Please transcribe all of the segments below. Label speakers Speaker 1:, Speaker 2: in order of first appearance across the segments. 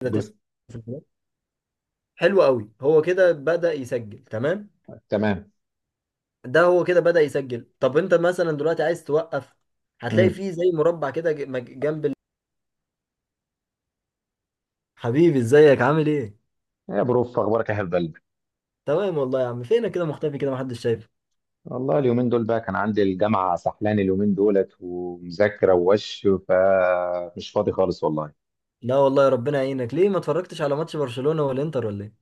Speaker 1: كده تسع
Speaker 2: بس
Speaker 1: تسعة. في الملعب. حلو قوي، هو كده بدأ يسجل. تمام،
Speaker 2: تمام.
Speaker 1: ده هو كده بدأ يسجل. طب انت مثلا دلوقتي عايز توقف، هتلاقي
Speaker 2: امم
Speaker 1: فيه زي مربع كده جنب حبيبي، ازيك؟ عامل ايه؟
Speaker 2: يا بروف، اخبارك يا حبيب قلبي؟
Speaker 1: تمام والله يا عم، فينك كده مختفي؟ كده محدش شايفه.
Speaker 2: والله اليومين دول بقى كان عندي الجامعه سحلان اليومين دولت ومذاكره ووش فمش فاضي خالص والله.
Speaker 1: لا والله، ربنا يعينك. ليه ما اتفرجتش على ماتش برشلونة والانتر ولا ايه؟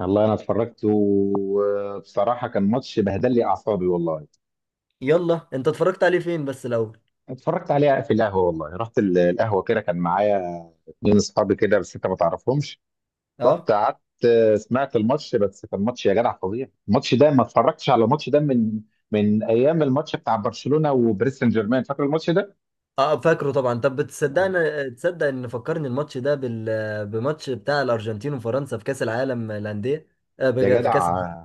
Speaker 2: والله انا اتفرجت، وبصراحه كان ماتش بهدل لي اعصابي والله.
Speaker 1: يلا، انت اتفرجت عليه فين بس الاول؟
Speaker 2: اتفرجت عليه في القهوه، والله رحت القهوه كده، كان معايا اتنين اصحابي كده، بس انت ما تعرفهمش. رحت
Speaker 1: اه.
Speaker 2: قعدت، سمعت الماتش، بس كان ماتش يا جدع فظيع. الماتش ده ما اتفرجتش على الماتش ده من ايام الماتش بتاع برشلونه وباريس سان جيرمان، فاكر الماتش ده؟
Speaker 1: اه، فاكره طبعا. طب بتصدقني؟ تصدق ان فكرني الماتش ده بماتش بتاع الارجنتين وفرنسا في كأس العالم للأندية.
Speaker 2: يا
Speaker 1: في كأس
Speaker 2: جدع،
Speaker 1: العالم.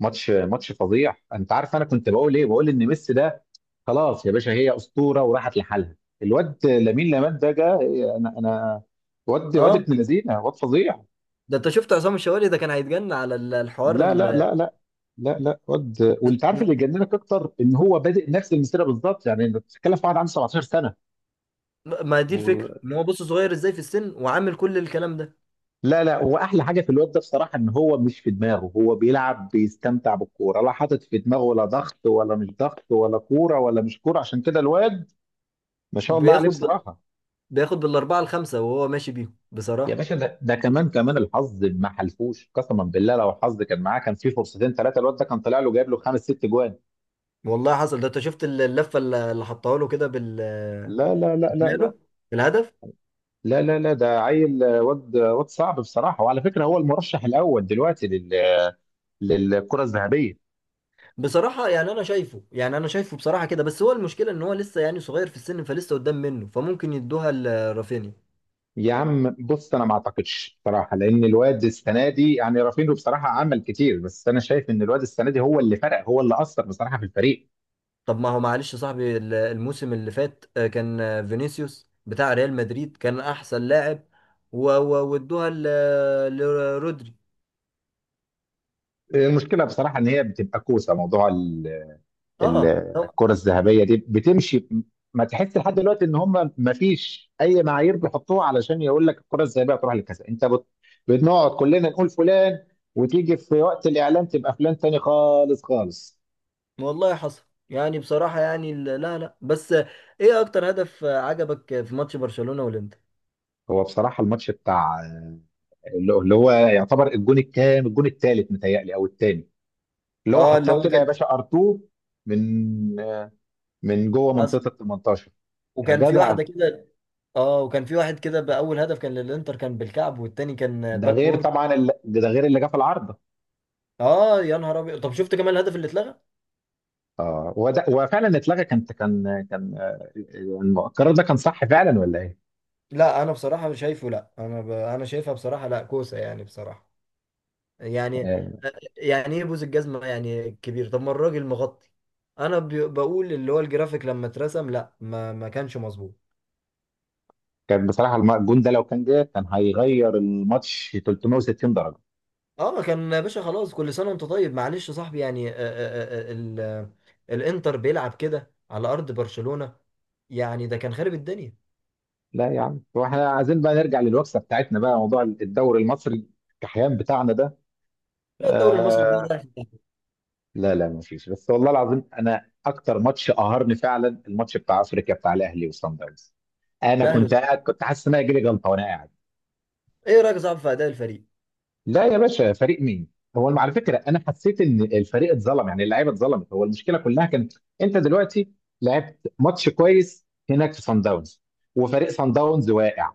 Speaker 2: ماتش فظيع. انت عارف انا كنت بقول ايه؟ بقول ان ميسي ده خلاص يا باشا، هي اسطوره وراحت لحالها. الواد لامين يامال ده جه، انا واد
Speaker 1: اه،
Speaker 2: ابن لذينه، واد فظيع.
Speaker 1: ده انت شفت عصام الشوالي ده كان هيتجنن على الحوار
Speaker 2: لا لا لا لا. لا لا واد، وانت عارف اللي يجننك اكتر ان هو بادئ نفس المسيره بالظبط. يعني انت بتتكلم في واحد عنده 17 سنه.
Speaker 1: ما دي
Speaker 2: و...
Speaker 1: الفكره، ان هو بص صغير ازاي في السن وعامل كل الكلام ده.
Speaker 2: لا لا، واحلى حاجه في الواد ده بصراحه ان هو مش في دماغه. هو بيلعب، بيستمتع بالكوره، لا حاطط في دماغه ولا ضغط ولا مش ضغط ولا كوره ولا مش كوره. عشان كده الواد ما شاء الله عليه
Speaker 1: بياخد بال...
Speaker 2: بصراحه.
Speaker 1: بياخد بالاربعه الخمسه وهو ماشي بيهم
Speaker 2: يا
Speaker 1: بصراحه.
Speaker 2: باشا، ده كمان الحظ ما حلفوش قسما بالله. لو الحظ كان معاه كان في فرصتين ثلاثه، الواد ده كان طلع له جايب له خمس ست جوان.
Speaker 1: والله حصل. ده انت شفت اللفه اللي حطها له كده بال
Speaker 2: لا لا لا لا لا.
Speaker 1: شماله؟ الهدف
Speaker 2: لا لا لا ده عيل، واد، واد صعب بصراحه. وعلى فكره هو المرشح الاول دلوقتي لل آه، للكره الذهبيه.
Speaker 1: بصراحه، يعني انا شايفه، بصراحه كده، بس هو المشكله ان هو لسه يعني صغير في السن، فلسه قدام منه، فممكن يدوها لرافينيا.
Speaker 2: يا عم بص، انا ما اعتقدش بصراحه، لان الواد السنه دي، يعني رافينو بصراحه عمل كتير، بس انا شايف ان الواد السنه دي هو اللي فرق، هو اللي اثر بصراحه في الفريق.
Speaker 1: طب ما هو معلش يا صاحبي، الموسم اللي فات كان فينيسيوس بتاع ريال مدريد كان احسن لاعب وادوها لرودري.
Speaker 2: المشكله بصراحه ان هي بتبقى كوسه موضوع ال-
Speaker 1: اه هم-
Speaker 2: الكرة الذهبية دي بتمشي. ما تحس لحد دلوقتي ان هم ما فيش اي معايير بيحطوها علشان يقول لك الكرة الذهبية هتروح لكذا؟ بنقعد كلنا نقول فلان، وتيجي في وقت الاعلان تبقى فلان تاني خالص خالص.
Speaker 1: والله حصل. يعني بصراحة، يعني لا لا بس، ايه اكتر هدف عجبك في ماتش برشلونة والانتر؟
Speaker 2: هو بصراحة الماتش بتاع اللي هو يعتبر الجون الكام، الجون الثالث متهيألي او الثاني، اللي هو
Speaker 1: اه، اللي
Speaker 2: حطها
Speaker 1: هو
Speaker 2: كده يا
Speaker 1: كان
Speaker 2: باشا ار2 من جوه
Speaker 1: حصل.
Speaker 2: منطقة ال 18. يا
Speaker 1: وكان في
Speaker 2: جدع،
Speaker 1: واحدة كده. اه، وكان في واحد كده. بأول هدف كان للانتر كان بالكعب، والتاني كان
Speaker 2: ده
Speaker 1: باك
Speaker 2: غير
Speaker 1: وورد.
Speaker 2: طبعا ده غير اللي جه في العرض.
Speaker 1: اه، يا نهار ابيض. طب شفت كمان الهدف اللي اتلغى؟
Speaker 2: اه، وده وفعلا اتلغى. كان كان يعني القرار ده كان صح فعلا ولا ايه؟
Speaker 1: لا، انا بصراحه شايفه، لا انا انا شايفها بصراحه، لا كوسه يعني بصراحه يعني.
Speaker 2: آه،
Speaker 1: يعني ايه بوز الجزمه يعني كبير؟ طب ما الراجل مغطي. انا ب... بقول اللي هو الجرافيك لما اترسم، لا ما كانش مظبوط.
Speaker 2: كان بصراحه الجون ده لو كان جه كان هيغير الماتش 360 درجه.
Speaker 1: اه، كان يا باشا، خلاص كل سنه وانت طيب. معلش يا صاحبي، يعني آه، آه، آه، ال... آه، الانتر بيلعب كده على ارض برشلونه، يعني ده كان خارب الدنيا.
Speaker 2: لا يا عم، واحنا عايزين بقى نرجع للوكسه بتاعتنا بقى، موضوع الدوري المصري الكحيان بتاعنا ده.
Speaker 1: لا، الدوري المصري ده
Speaker 2: آه.
Speaker 1: رايح في داهية.
Speaker 2: لا لا، ما فيش، بس والله العظيم انا اكتر ماتش قهرني فعلا الماتش بتاع افريقيا بتاع الاهلي وصن داونز. انا
Speaker 1: الاهلي
Speaker 2: كنت
Speaker 1: والسعودية.
Speaker 2: قاعد كنت حاسس ان انا جالي جلطه وانا قاعد.
Speaker 1: ايه رايك يا صاحبي في اداء الفريق؟
Speaker 2: لا يا باشا، فريق مين؟ هو على فكره انا حسيت ان الفريق اتظلم، يعني اللعيبه اتظلمت. هو المشكله كلها كانت انت دلوقتي لعبت ماتش كويس هناك في سان داونز، وفريق سان داونز واقع،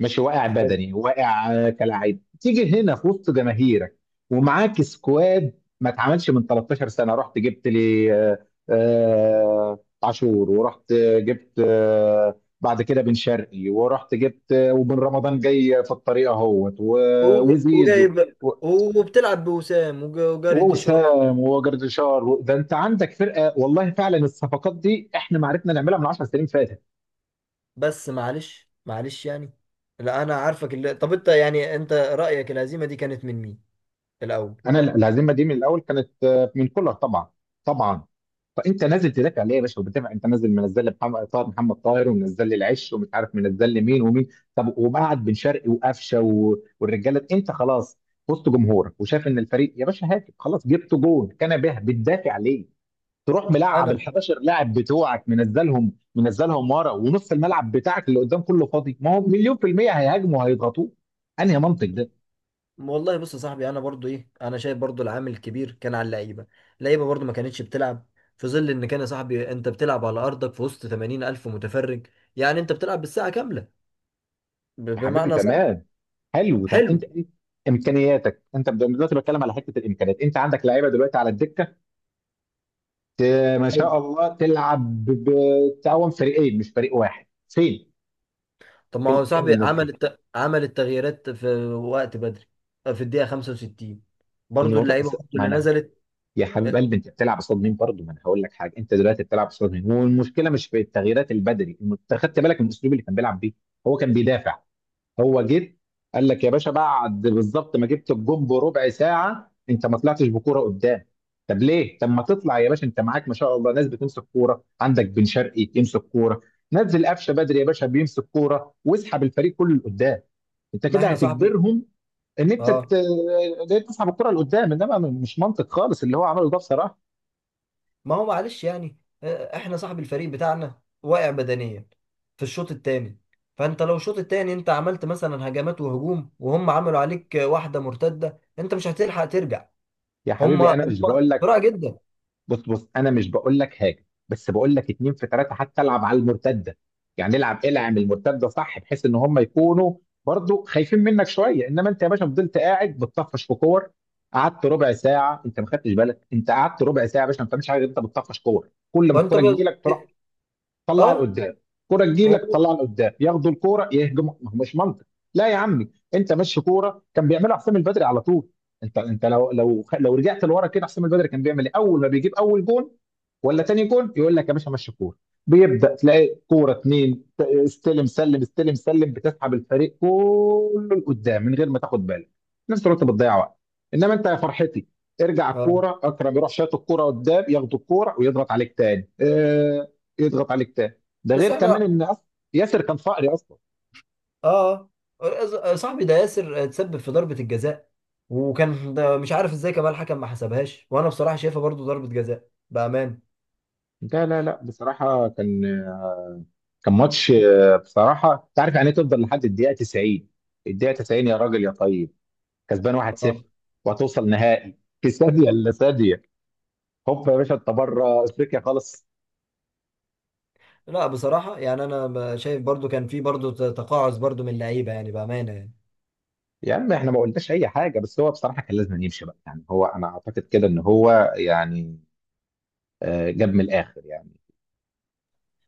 Speaker 2: ماشي، واقع بدني، واقع، كلاعب تيجي هنا في وسط جماهيرك ومعاك سكواد ما اتعملش من 13 سنه. رحت جبت لي عاشور، ورحت جبت بعد كده بن شرقي، ورحت جبت وبن رمضان جاي في الطريق اهوت، وزيزو،
Speaker 1: وجايب،
Speaker 2: و-
Speaker 1: وبتلعب بوسام وجاري ديشار.
Speaker 2: ووسام وجردشار. ده انت عندك فرقه، والله فعلا الصفقات دي احنا ما عرفنا نعملها من 10 سنين فاتت.
Speaker 1: بس معلش يعني، لا انا عارفك طب انت، يعني انت رأيك الهزيمة دي كانت من مين الاول؟
Speaker 2: انا الهزيمه دي من الاول كانت من كولر طبعا، طبعا. فانت نازل تدافع ليه يا باشا؟ وبتدافع، انت نازل منزل لي محمد طاهر، محمد طاهر، ومنزل لي العش، ومش عارف منزل لي مين ومين. طب ومقعد بن شرقي وقفشه والرجاله، انت خلاص وسط جمهورك وشايف ان الفريق يا باشا هاتف خلاص، جبت جول كان به، بتدافع ليه؟ تروح ملعب ال
Speaker 1: انا.
Speaker 2: 11 لاعب بتوعك، منزلهم ورا ونص الملعب بتاعك اللي قدام كله فاضي، ما هو مليون في المية هيهاجموا وهيضغطوه. انهي منطق ده؟
Speaker 1: والله بص يا صاحبي، انا برضو ايه، انا شايف برضو العامل الكبير كان على اللعيبه. اللعيبه برضو ما كانتش بتلعب، في ظل ان كان يا صاحبي انت بتلعب على ارضك في وسط 80 الف متفرج. يعني انت بتلعب بالساعه كامله،
Speaker 2: يا حبيبي
Speaker 1: بمعنى صح.
Speaker 2: تمام. حلو، طب انت
Speaker 1: حلو.
Speaker 2: إيه امكانياتك؟ انت دلوقتي بتكلم على حته الامكانيات، انت عندك لعيبه دلوقتي على الدكه ت- ما شاء الله تلعب بتعاون فريقين مش فريق واحد. فين
Speaker 1: طب ما
Speaker 2: فين
Speaker 1: هو
Speaker 2: فين
Speaker 1: صاحبي
Speaker 2: الناس
Speaker 1: عمل
Speaker 2: دي؟
Speaker 1: عمل التغييرات في وقت بدري، في الدقيقة 65 برضو
Speaker 2: الموضوع
Speaker 1: اللعيبة
Speaker 2: بس
Speaker 1: برضو
Speaker 2: ما
Speaker 1: اللي
Speaker 2: انا
Speaker 1: نزلت.
Speaker 2: يا حبيب
Speaker 1: آه،
Speaker 2: قلبي، انت بتلعب قصاد مين برضه؟ ما انا هقول لك حاجه، انت دلوقتي بتلعب قصاد مين، والمشكله مش في التغييرات البدري. أنت خدت بالك من الاسلوب اللي كان بيلعب بيه؟ هو كان بيدافع. هو جه قال لك يا باشا بعد بالظبط ما جبت الجون بربع ساعه، انت ما طلعتش بكوره قدام. طب ليه؟ طب ما تطلع يا باشا، انت معاك ما شاء الله ناس بتمسك كوره، عندك بن شرقي يمسك كوره، نزل قفشه بدري يا باشا بيمسك كوره، واسحب الفريق كله لقدام. انت
Speaker 1: ما
Speaker 2: كده
Speaker 1: احنا صاحبي.
Speaker 2: هتجبرهم ان انت
Speaker 1: اه.
Speaker 2: ت- ان انت تسحب الكره لقدام. انما مش منطق خالص اللي هو عمله ده بصراحه.
Speaker 1: ما هو معلش يعني، احنا صاحبي الفريق بتاعنا واقع بدنيا في الشوط الثاني. فانت لو الشوط الثاني انت عملت مثلا هجمات وهجوم وهم عملوا عليك واحدة مرتدة، انت مش هتلحق ترجع.
Speaker 2: يا
Speaker 1: هم
Speaker 2: حبيبي
Speaker 1: هم
Speaker 2: انا مش بقول لك
Speaker 1: بسرعة جدا.
Speaker 2: بص بص، انا مش بقول لك حاجه، بس بقول لك اتنين في ثلاثه حتى، العب على المرتده، يعني العب، العب المرتده صح، بحيث ان هم يكونوا برضو خايفين منك شويه. انما انت يا باشا فضلت قاعد بتطفش في كور، قعدت ربع ساعه. انت ما خدتش بالك انت قعدت ربع ساعه يا باشا ما بتعملش حاجه غير انت بتطفش كور. كل ما
Speaker 1: وانت
Speaker 2: الكوره
Speaker 1: ب...
Speaker 2: تجي لك، تروح طلع
Speaker 1: اه.
Speaker 2: لقدام، كرة تجيلك
Speaker 1: هو-
Speaker 2: طلع لقدام، ياخدوا الكرة يهجموا. ما هو مش منطق. لا يا عمي، انت ماشي كوره، كان بيعملها حسام البدري على طول. انت لو رجعت لورا كده، حسام البدري كان بيعمل ايه اول ما بيجيب اول جون ولا تاني جون؟ يقول لك يا باشا مشي كوره، بيبدا تلاقي كوره اتنين، استلم سلم، استلم سلم، بتسحب الفريق كله لقدام من غير ما تاخد بالك، في نفس الوقت بتضيع وقت. انما انت يا فرحتي، ارجع
Speaker 1: اه.
Speaker 2: الكوره اكرم يروح شايط الكوره قدام، ياخد الكوره ويضغط عليك تاني. يضغط عليك تاني. ده
Speaker 1: بس
Speaker 2: غير
Speaker 1: احنا،
Speaker 2: كمان ان ياسر كان فقري اصلا.
Speaker 1: اه، صاحبي ده ياسر اتسبب في ضربة الجزاء، وكان ده مش عارف ازاي كمان الحكم ما حسبهاش، وانا بصراحة شايفها برضو ضربة جزاء بأمان.
Speaker 2: لا لا لا، بصراحه كان ماتش بصراحه. انت عارف يعني ايه تفضل لحد الدقيقه 90؟ الدقيقه 90 يا راجل يا طيب كسبان 1-0،
Speaker 1: اه.
Speaker 2: وهتوصل نهائي في ثانيه الا ثانيه، هوب يا باشا انت بره افريقيا خالص.
Speaker 1: لا بصراحة، يعني انا شايف برضو كان في برضو تقاعس برضو من اللعيبة يعني، بأمانة يعني.
Speaker 2: يا عم احنا ما قلناش اي حاجه، بس هو بصراحه كان لازم يمشي بقى. يعني هو، انا اعتقد كده ان هو يعني جاب من الاخر يعني.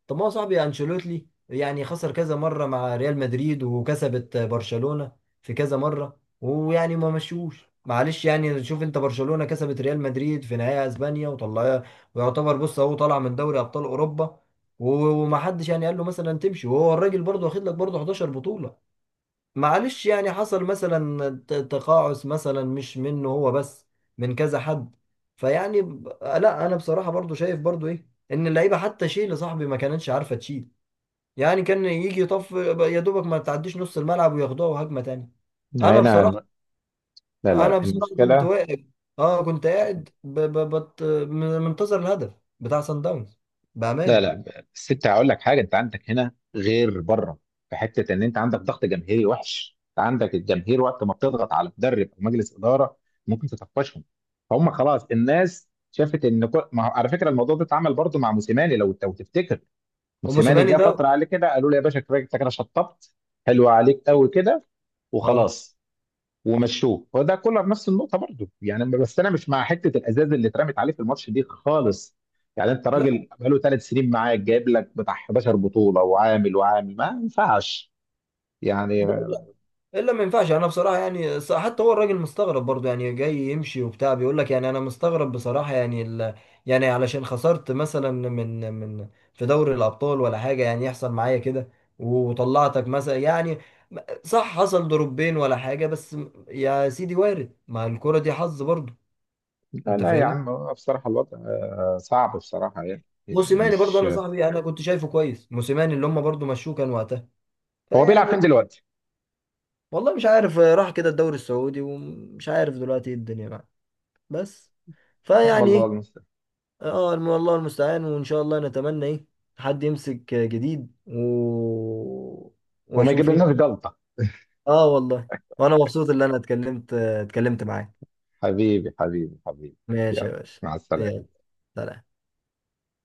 Speaker 1: طب ما هو صاحبي انشيلوتي يعني خسر كذا مره مع ريال مدريد وكسبت برشلونه في كذا مره، ويعني ما مشوش. معلش، يعني شوف انت، برشلونه كسبت ريال مدريد في نهائي اسبانيا وطلعها، ويعتبر بص اهو طالع من دوري ابطال اوروبا، ومحدش يعني قال له مثلا تمشي، وهو الراجل برضه واخد لك برضه 11 بطوله. معلش يعني، حصل مثلا تقاعس مثلا، مش منه هو بس، من كذا حد. فيعني لا انا بصراحة برضو شايف برضو ايه، ان اللعيبة حتى شيل صاحبي ما كانتش عارفة تشيل. يعني كان يجي يطف، يا دوبك ما تعديش نص الملعب وياخدوها هجمة تانية. انا
Speaker 2: هنا
Speaker 1: بصراحة.
Speaker 2: لا لا
Speaker 1: انا
Speaker 2: لا،
Speaker 1: بصراحة كنت
Speaker 2: المشكله،
Speaker 1: واقف، اه، كنت قاعد منتظر الهدف بتاع سان داونز
Speaker 2: لا
Speaker 1: بأمان.
Speaker 2: لا، بس انت هقول لك حاجه، انت عندك هنا غير بره، في حته ان انت عندك ضغط جماهيري وحش. انت عندك الجماهير وقت ما بتضغط على مدرب او مجلس اداره ممكن تطفشهم. فهم خلاص الناس شافت ان كل... ما... على فكره الموضوع ده اتعمل برضه مع موسيماني، لو تفتكر. موسيماني
Speaker 1: وموسيماني
Speaker 2: جه
Speaker 1: ده،
Speaker 2: فتره عليه كده قالوا له يا باشا كفايه، انت كده شطبت، حلو عليك قوي كده
Speaker 1: اه.
Speaker 2: وخلاص، ومشوه. وده كولر نفس النقطه برضه يعني، بس انا مش مع حته الازاز اللي اترمت عليه في الماتش دي خالص. يعني انت
Speaker 1: لا،
Speaker 2: راجل بقاله ثلاث سنين معاك جايب لك بتاع 11 بطوله وعامل وعامل، ما ينفعش يعني.
Speaker 1: الا ما ينفعش. انا بصراحه، يعني حتى هو الراجل مستغرب برضه، يعني جاي يمشي وبتاع بيقول لك يعني انا مستغرب بصراحه، يعني يعني علشان خسرت مثلا من في دوري الابطال ولا حاجه، يعني يحصل معايا كده وطلعتك مثلا يعني، صح حصل ضربين ولا حاجه، بس يا سيدي وارد، ما الكره دي حظ برضه.
Speaker 2: لا
Speaker 1: انت
Speaker 2: لا يا
Speaker 1: فاهمني.
Speaker 2: عم، هو بصراحه الوضع صعب بصراحه يعني، يعني
Speaker 1: موسيماني برضه،
Speaker 2: مش
Speaker 1: انا صاحبي انا كنت شايفه كويس موسيماني، اللي هم برضه مشوه كان وقتها،
Speaker 2: هو بيلعب فين
Speaker 1: فيعني.
Speaker 2: دلوقتي؟
Speaker 1: والله مش عارف، راح كده الدوري السعودي ومش عارف دلوقتي ايه الدنيا معاه. بس فيعني
Speaker 2: والله
Speaker 1: ايه.
Speaker 2: المستعان.
Speaker 1: اه، الله المستعان، وان شاء الله نتمنى ايه، حد يمسك جديد
Speaker 2: وما يجيب
Speaker 1: واشوف
Speaker 2: لناش
Speaker 1: ايه.
Speaker 2: جلطه.
Speaker 1: اه والله. وانا مبسوط ان انا اتكلمت معاك.
Speaker 2: حبيبي حبيبي حبيبي.
Speaker 1: ماشي يا
Speaker 2: يلا،
Speaker 1: باشا.
Speaker 2: مع السلامه.
Speaker 1: يلا. سلام.